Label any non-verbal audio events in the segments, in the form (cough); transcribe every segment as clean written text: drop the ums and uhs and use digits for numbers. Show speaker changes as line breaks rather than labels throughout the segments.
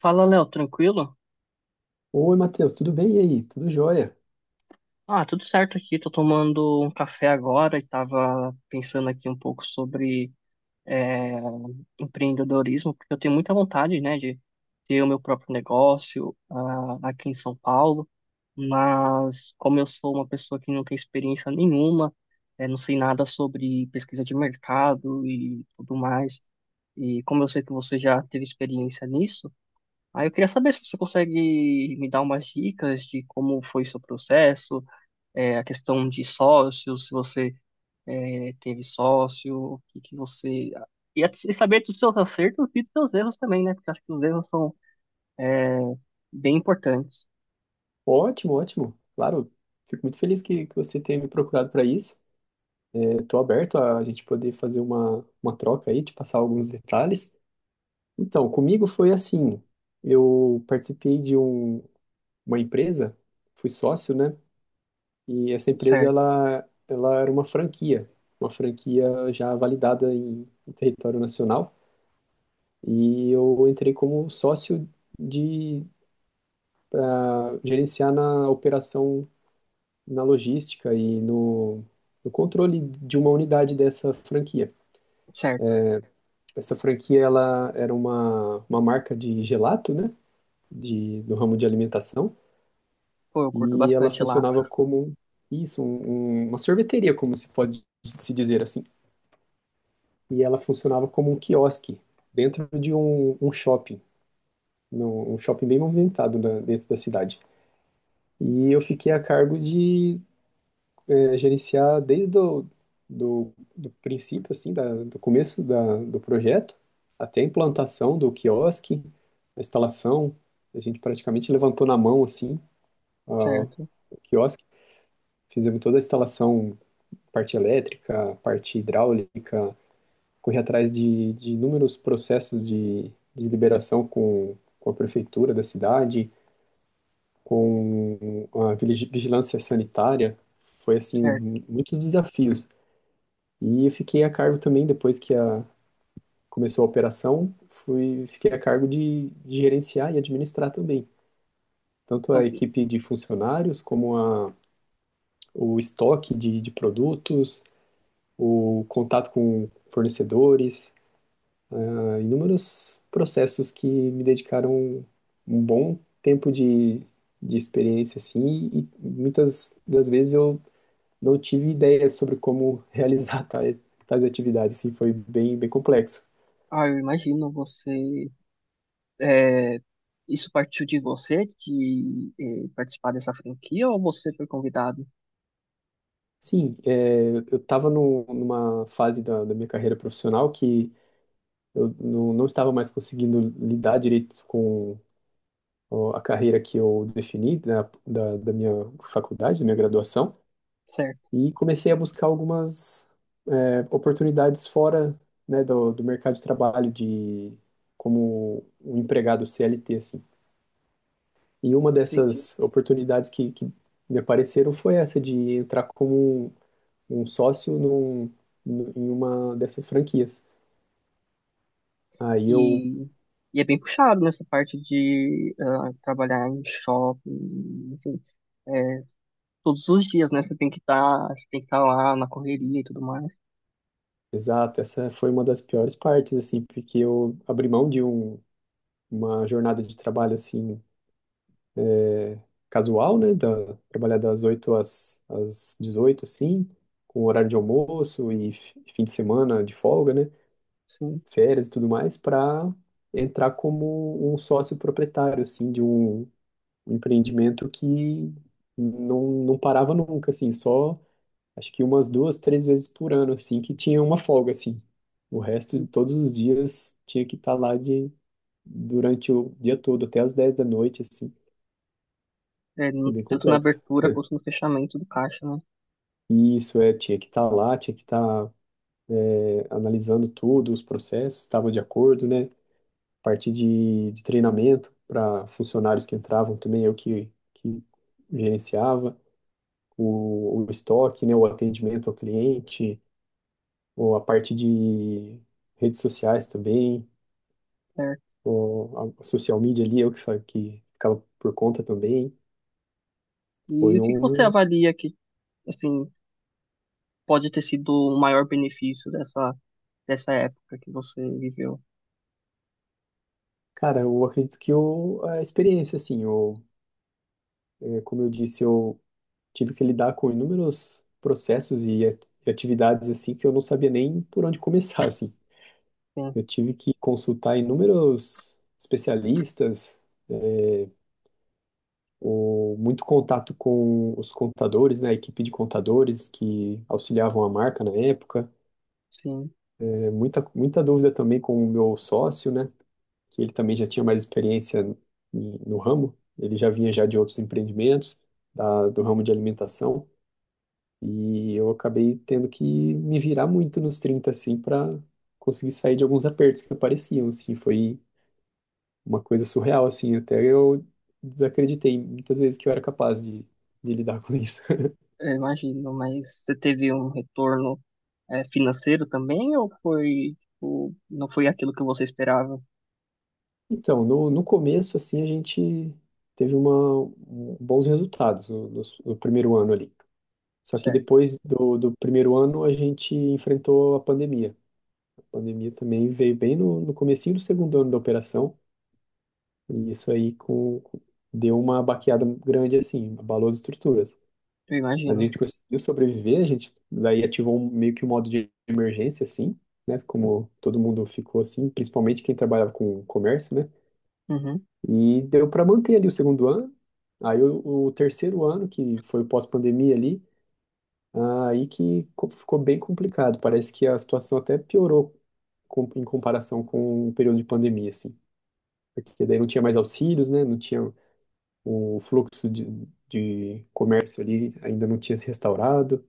Fala, Léo, tranquilo?
Oi, Matheus, tudo bem? E aí? Tudo jóia?
Ah, tudo certo aqui. Tô tomando um café agora e tava pensando aqui um pouco sobre é, empreendedorismo, porque eu tenho muita vontade, né, de ter o meu próprio negócio aqui em São Paulo, mas como eu sou uma pessoa que não tem experiência nenhuma, não sei nada sobre pesquisa de mercado e tudo mais, e como eu sei que você já teve experiência nisso, aí eu queria saber se você consegue me dar umas dicas de como foi seu processo, a questão de sócios, se você teve sócio, o que que você... e e saber dos seus acertos e dos seus erros também, né? Porque acho que os erros são bem importantes.
Ótimo, ótimo. Claro, fico muito feliz que você tenha me procurado para isso. Estou aberto a gente poder fazer uma troca aí, te passar alguns detalhes. Então, comigo foi assim: eu participei de uma empresa, fui sócio, né? E essa empresa
Certo,
ela era uma franquia já validada em território nacional. E eu entrei como sócio de gerenciar na operação na logística e no controle de uma unidade dessa franquia.
certo.
Essa franquia ela era uma marca de gelato, né? Do ramo de alimentação,
Pô, eu curto
e ela
bastante Lato.
funcionava como isso, uma sorveteria, como se pode se dizer assim. E ela funcionava como um quiosque dentro de um shopping, um shopping bem movimentado dentro da cidade. E eu fiquei a cargo de gerenciar desde o do princípio, assim, do começo do projeto até a implantação do quiosque, a instalação. A gente praticamente levantou na mão, assim, ah,
Certo,
o quiosque. Fizemos toda a instalação, parte elétrica, parte hidráulica, corri atrás de inúmeros processos de liberação com a prefeitura da cidade, com a vigilância sanitária. Foi, assim,
certo.
muitos desafios. E eu fiquei a cargo também, depois que a, começou a operação, fui, fiquei a cargo de gerenciar e administrar também, tanto a
Então,
equipe de funcionários, como a, o estoque de produtos, o contato com fornecedores, inúmeros processos que me dedicaram um bom tempo de experiência, assim, e muitas das vezes eu não tive ideia sobre como realizar (laughs) tais, tais atividades, assim, foi bem, bem complexo.
eu imagino você... é, isso partiu de você, de participar dessa franquia, ou você foi convidado?
Sim, é, eu estava numa fase da minha carreira profissional que eu não estava mais conseguindo lidar direito com a carreira que eu defini da minha faculdade, da minha graduação,
Certo,
e comecei a buscar algumas oportunidades fora, né, do mercado de trabalho, de como um empregado CLT, assim. E uma
entendi.
dessas oportunidades que me apareceram foi essa de entrar como um sócio num, em uma dessas franquias. Aí eu,
E, e é bem puxado nessa parte de trabalhar em shopping, enfim, é, todos os dias, né? Você tem que estar lá na correria e tudo mais,
exato, essa foi uma das piores partes, assim, porque eu abri mão de uma jornada de trabalho, assim, casual, né, da, trabalhar das 8 às 18 assim, com horário de almoço e fim de semana de folga, né,
sim.
férias e tudo mais, para entrar como um sócio proprietário, assim, de um empreendimento que não parava nunca, assim, só acho que umas duas, três vezes por ano, assim, que tinha uma folga, assim. O resto de todos os dias tinha que estar lá de, durante o dia todo, até as 10 da noite, assim.
É,
Foi bem
tanto na
complexo.
abertura quanto no fechamento do caixa, né?
E isso, é, tinha que estar lá, tinha que estar é, analisando tudo, os processos, estava de acordo, né? Parte de treinamento para funcionários que entravam também, eu que gerenciava. O estoque, né? O atendimento ao cliente, ou a parte de redes sociais também,
Certo.
a social media ali, eu que, que ficava por conta também,
E
foi
o que que você
um,
avalia que, assim, pode ter sido o maior benefício dessa, dessa época que você viveu?
cara, eu acredito que eu, a experiência, assim, eu, é, como eu disse, eu tive que lidar com inúmeros processos e e atividades, assim, que eu não sabia nem por onde começar, (laughs) assim.
Sim,
Eu tive que consultar inúmeros especialistas, o, muito contato com os contadores, né, a equipe de contadores que auxiliavam a marca na época,
sim.
é, muita, muita dúvida também com o meu sócio, né, que ele também já tinha mais experiência no ramo, ele já vinha já de outros empreendimentos, do ramo de alimentação, e eu acabei tendo que me virar muito nos 30 assim, para conseguir sair de alguns apertos que apareciam, assim, foi uma coisa surreal, assim, até eu desacreditei muitas vezes que eu era capaz de lidar com isso. (laughs)
Eu imagino, mas você teve um retorno financeiro também ou foi, tipo, não foi aquilo que você esperava,
Então, no começo, assim, a gente teve uma, bons resultados no primeiro ano ali. Só que
certo?
depois do primeiro ano a gente enfrentou a pandemia. A pandemia também veio bem no comecinho do segundo ano da operação, e isso aí deu uma baqueada grande assim, abalou as estruturas.
Eu
Mas a
imagino.
gente conseguiu sobreviver, a gente daí ativou meio que um modo de emergência assim, né? Como todo mundo ficou assim, principalmente quem trabalhava com comércio, né?
Uhum,
E deu para manter ali o segundo ano. Aí o terceiro ano, que foi o pós-pandemia ali, aí que ficou bem complicado. Parece que a situação até piorou em comparação com o período de pandemia, assim. Porque daí não tinha mais auxílios, né? Não tinha o fluxo de comércio ali, ainda não tinha se restaurado.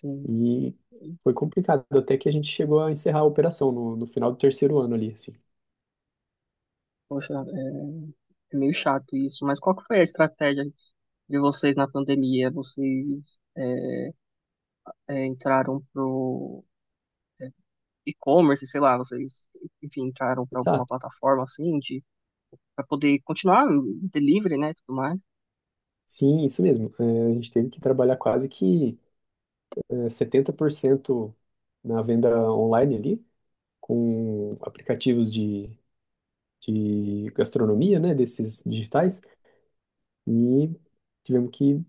sim.
E foi complicado, até que a gente chegou a encerrar a operação no final do terceiro ano ali, assim.
Poxa, é, é meio chato isso, mas qual que foi a estratégia de vocês na pandemia? Vocês entraram pro e-commerce, sei lá, vocês, enfim, entraram para alguma
Exato.
plataforma assim de para poder continuar o delivery, né, tudo mais.
Sim, isso mesmo. É, a gente teve que trabalhar quase que é, 70% na venda online ali, com aplicativos de gastronomia, né, desses digitais, e tivemos que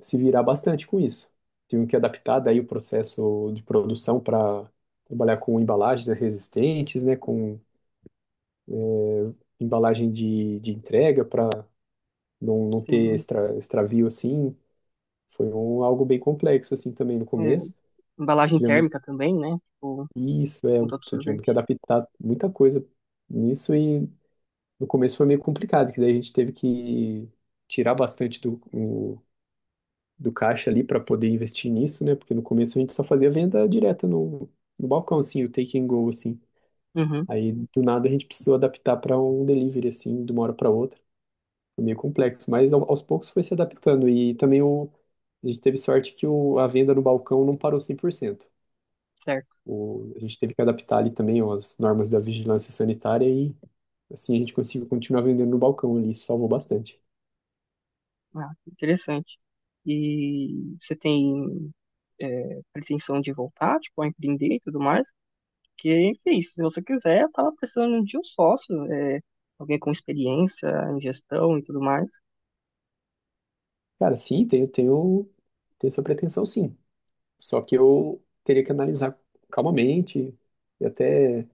se virar bastante com isso. Tivemos que adaptar daí o processo de produção para trabalhar com embalagens resistentes, né, com embalagem de entrega para não ter
Assim,
extra, extravio assim. Foi um, algo bem complexo assim também no
é,
começo.
embalagem
Tivemos
térmica também, né? Tipo,
isso, é,
com todo
tivemos que
sorvete.
adaptar muita coisa nisso e no começo foi meio complicado, que daí a gente teve que tirar bastante do, do caixa ali para poder investir nisso, né? Porque no começo a gente só fazia venda direta no, no balcão, assim, o take and go, assim.
Uhum,
Aí do nada a gente precisou adaptar para um delivery, assim, de uma hora para outra. Foi meio complexo, mas aos poucos foi se adaptando. E também o, a gente teve sorte que o, a venda no balcão não parou 100%.
certo.
O, a gente teve que adaptar ali também as normas da vigilância sanitária e assim a gente conseguiu continuar vendendo no balcão ali, isso salvou bastante.
Ah, interessante. E você tem pretensão de voltar, tipo, a empreender e tudo mais? Porque, enfim, se você quiser, eu tava precisando de um sócio, alguém com experiência em gestão e tudo mais.
Cara, sim, tenho, tenho, tenho essa pretensão, sim. Só que eu teria que analisar calmamente e até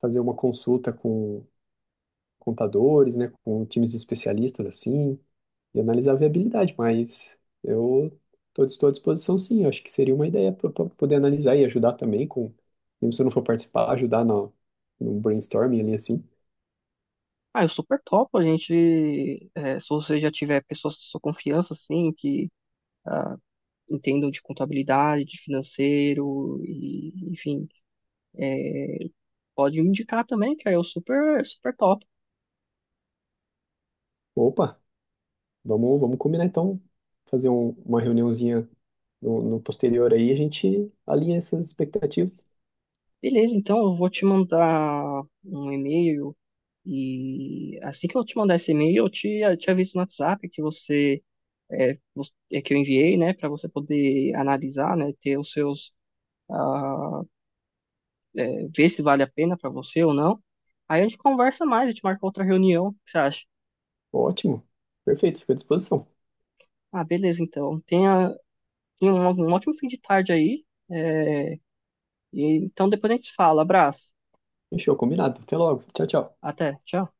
fazer uma consulta com contadores, né, com times de especialistas assim, e analisar a viabilidade, mas eu estou à disposição sim, eu acho que seria uma ideia para poder analisar e ajudar também com, mesmo se eu não for participar, ajudar no, no brainstorming ali assim.
Ah, eu super topo, a gente, é, se você já tiver pessoas de sua confiança, assim, que ah, entendam de contabilidade, de financeiro, e, enfim, é, pode me indicar também, que aí eu super, super topo.
Opa, vamos, vamos combinar então, fazer uma reuniãozinha no posterior aí, a gente alinha essas expectativas.
Beleza, então eu vou te mandar um e-mail e assim que eu te mandar esse e-mail, eu te aviso no WhatsApp que você é que eu enviei, né, para você poder analisar, né, ter os seus ah, ver se vale a pena para você ou não. Aí a gente conversa mais, a gente marca outra reunião, o que você acha?
Ótimo, perfeito, fico à disposição.
Ah, beleza, então. Tenha um, um ótimo fim de tarde aí. é, e então depois a gente se fala. Abraço.
Fechou, combinado. Até logo. Tchau, tchau.
Até. Tchau.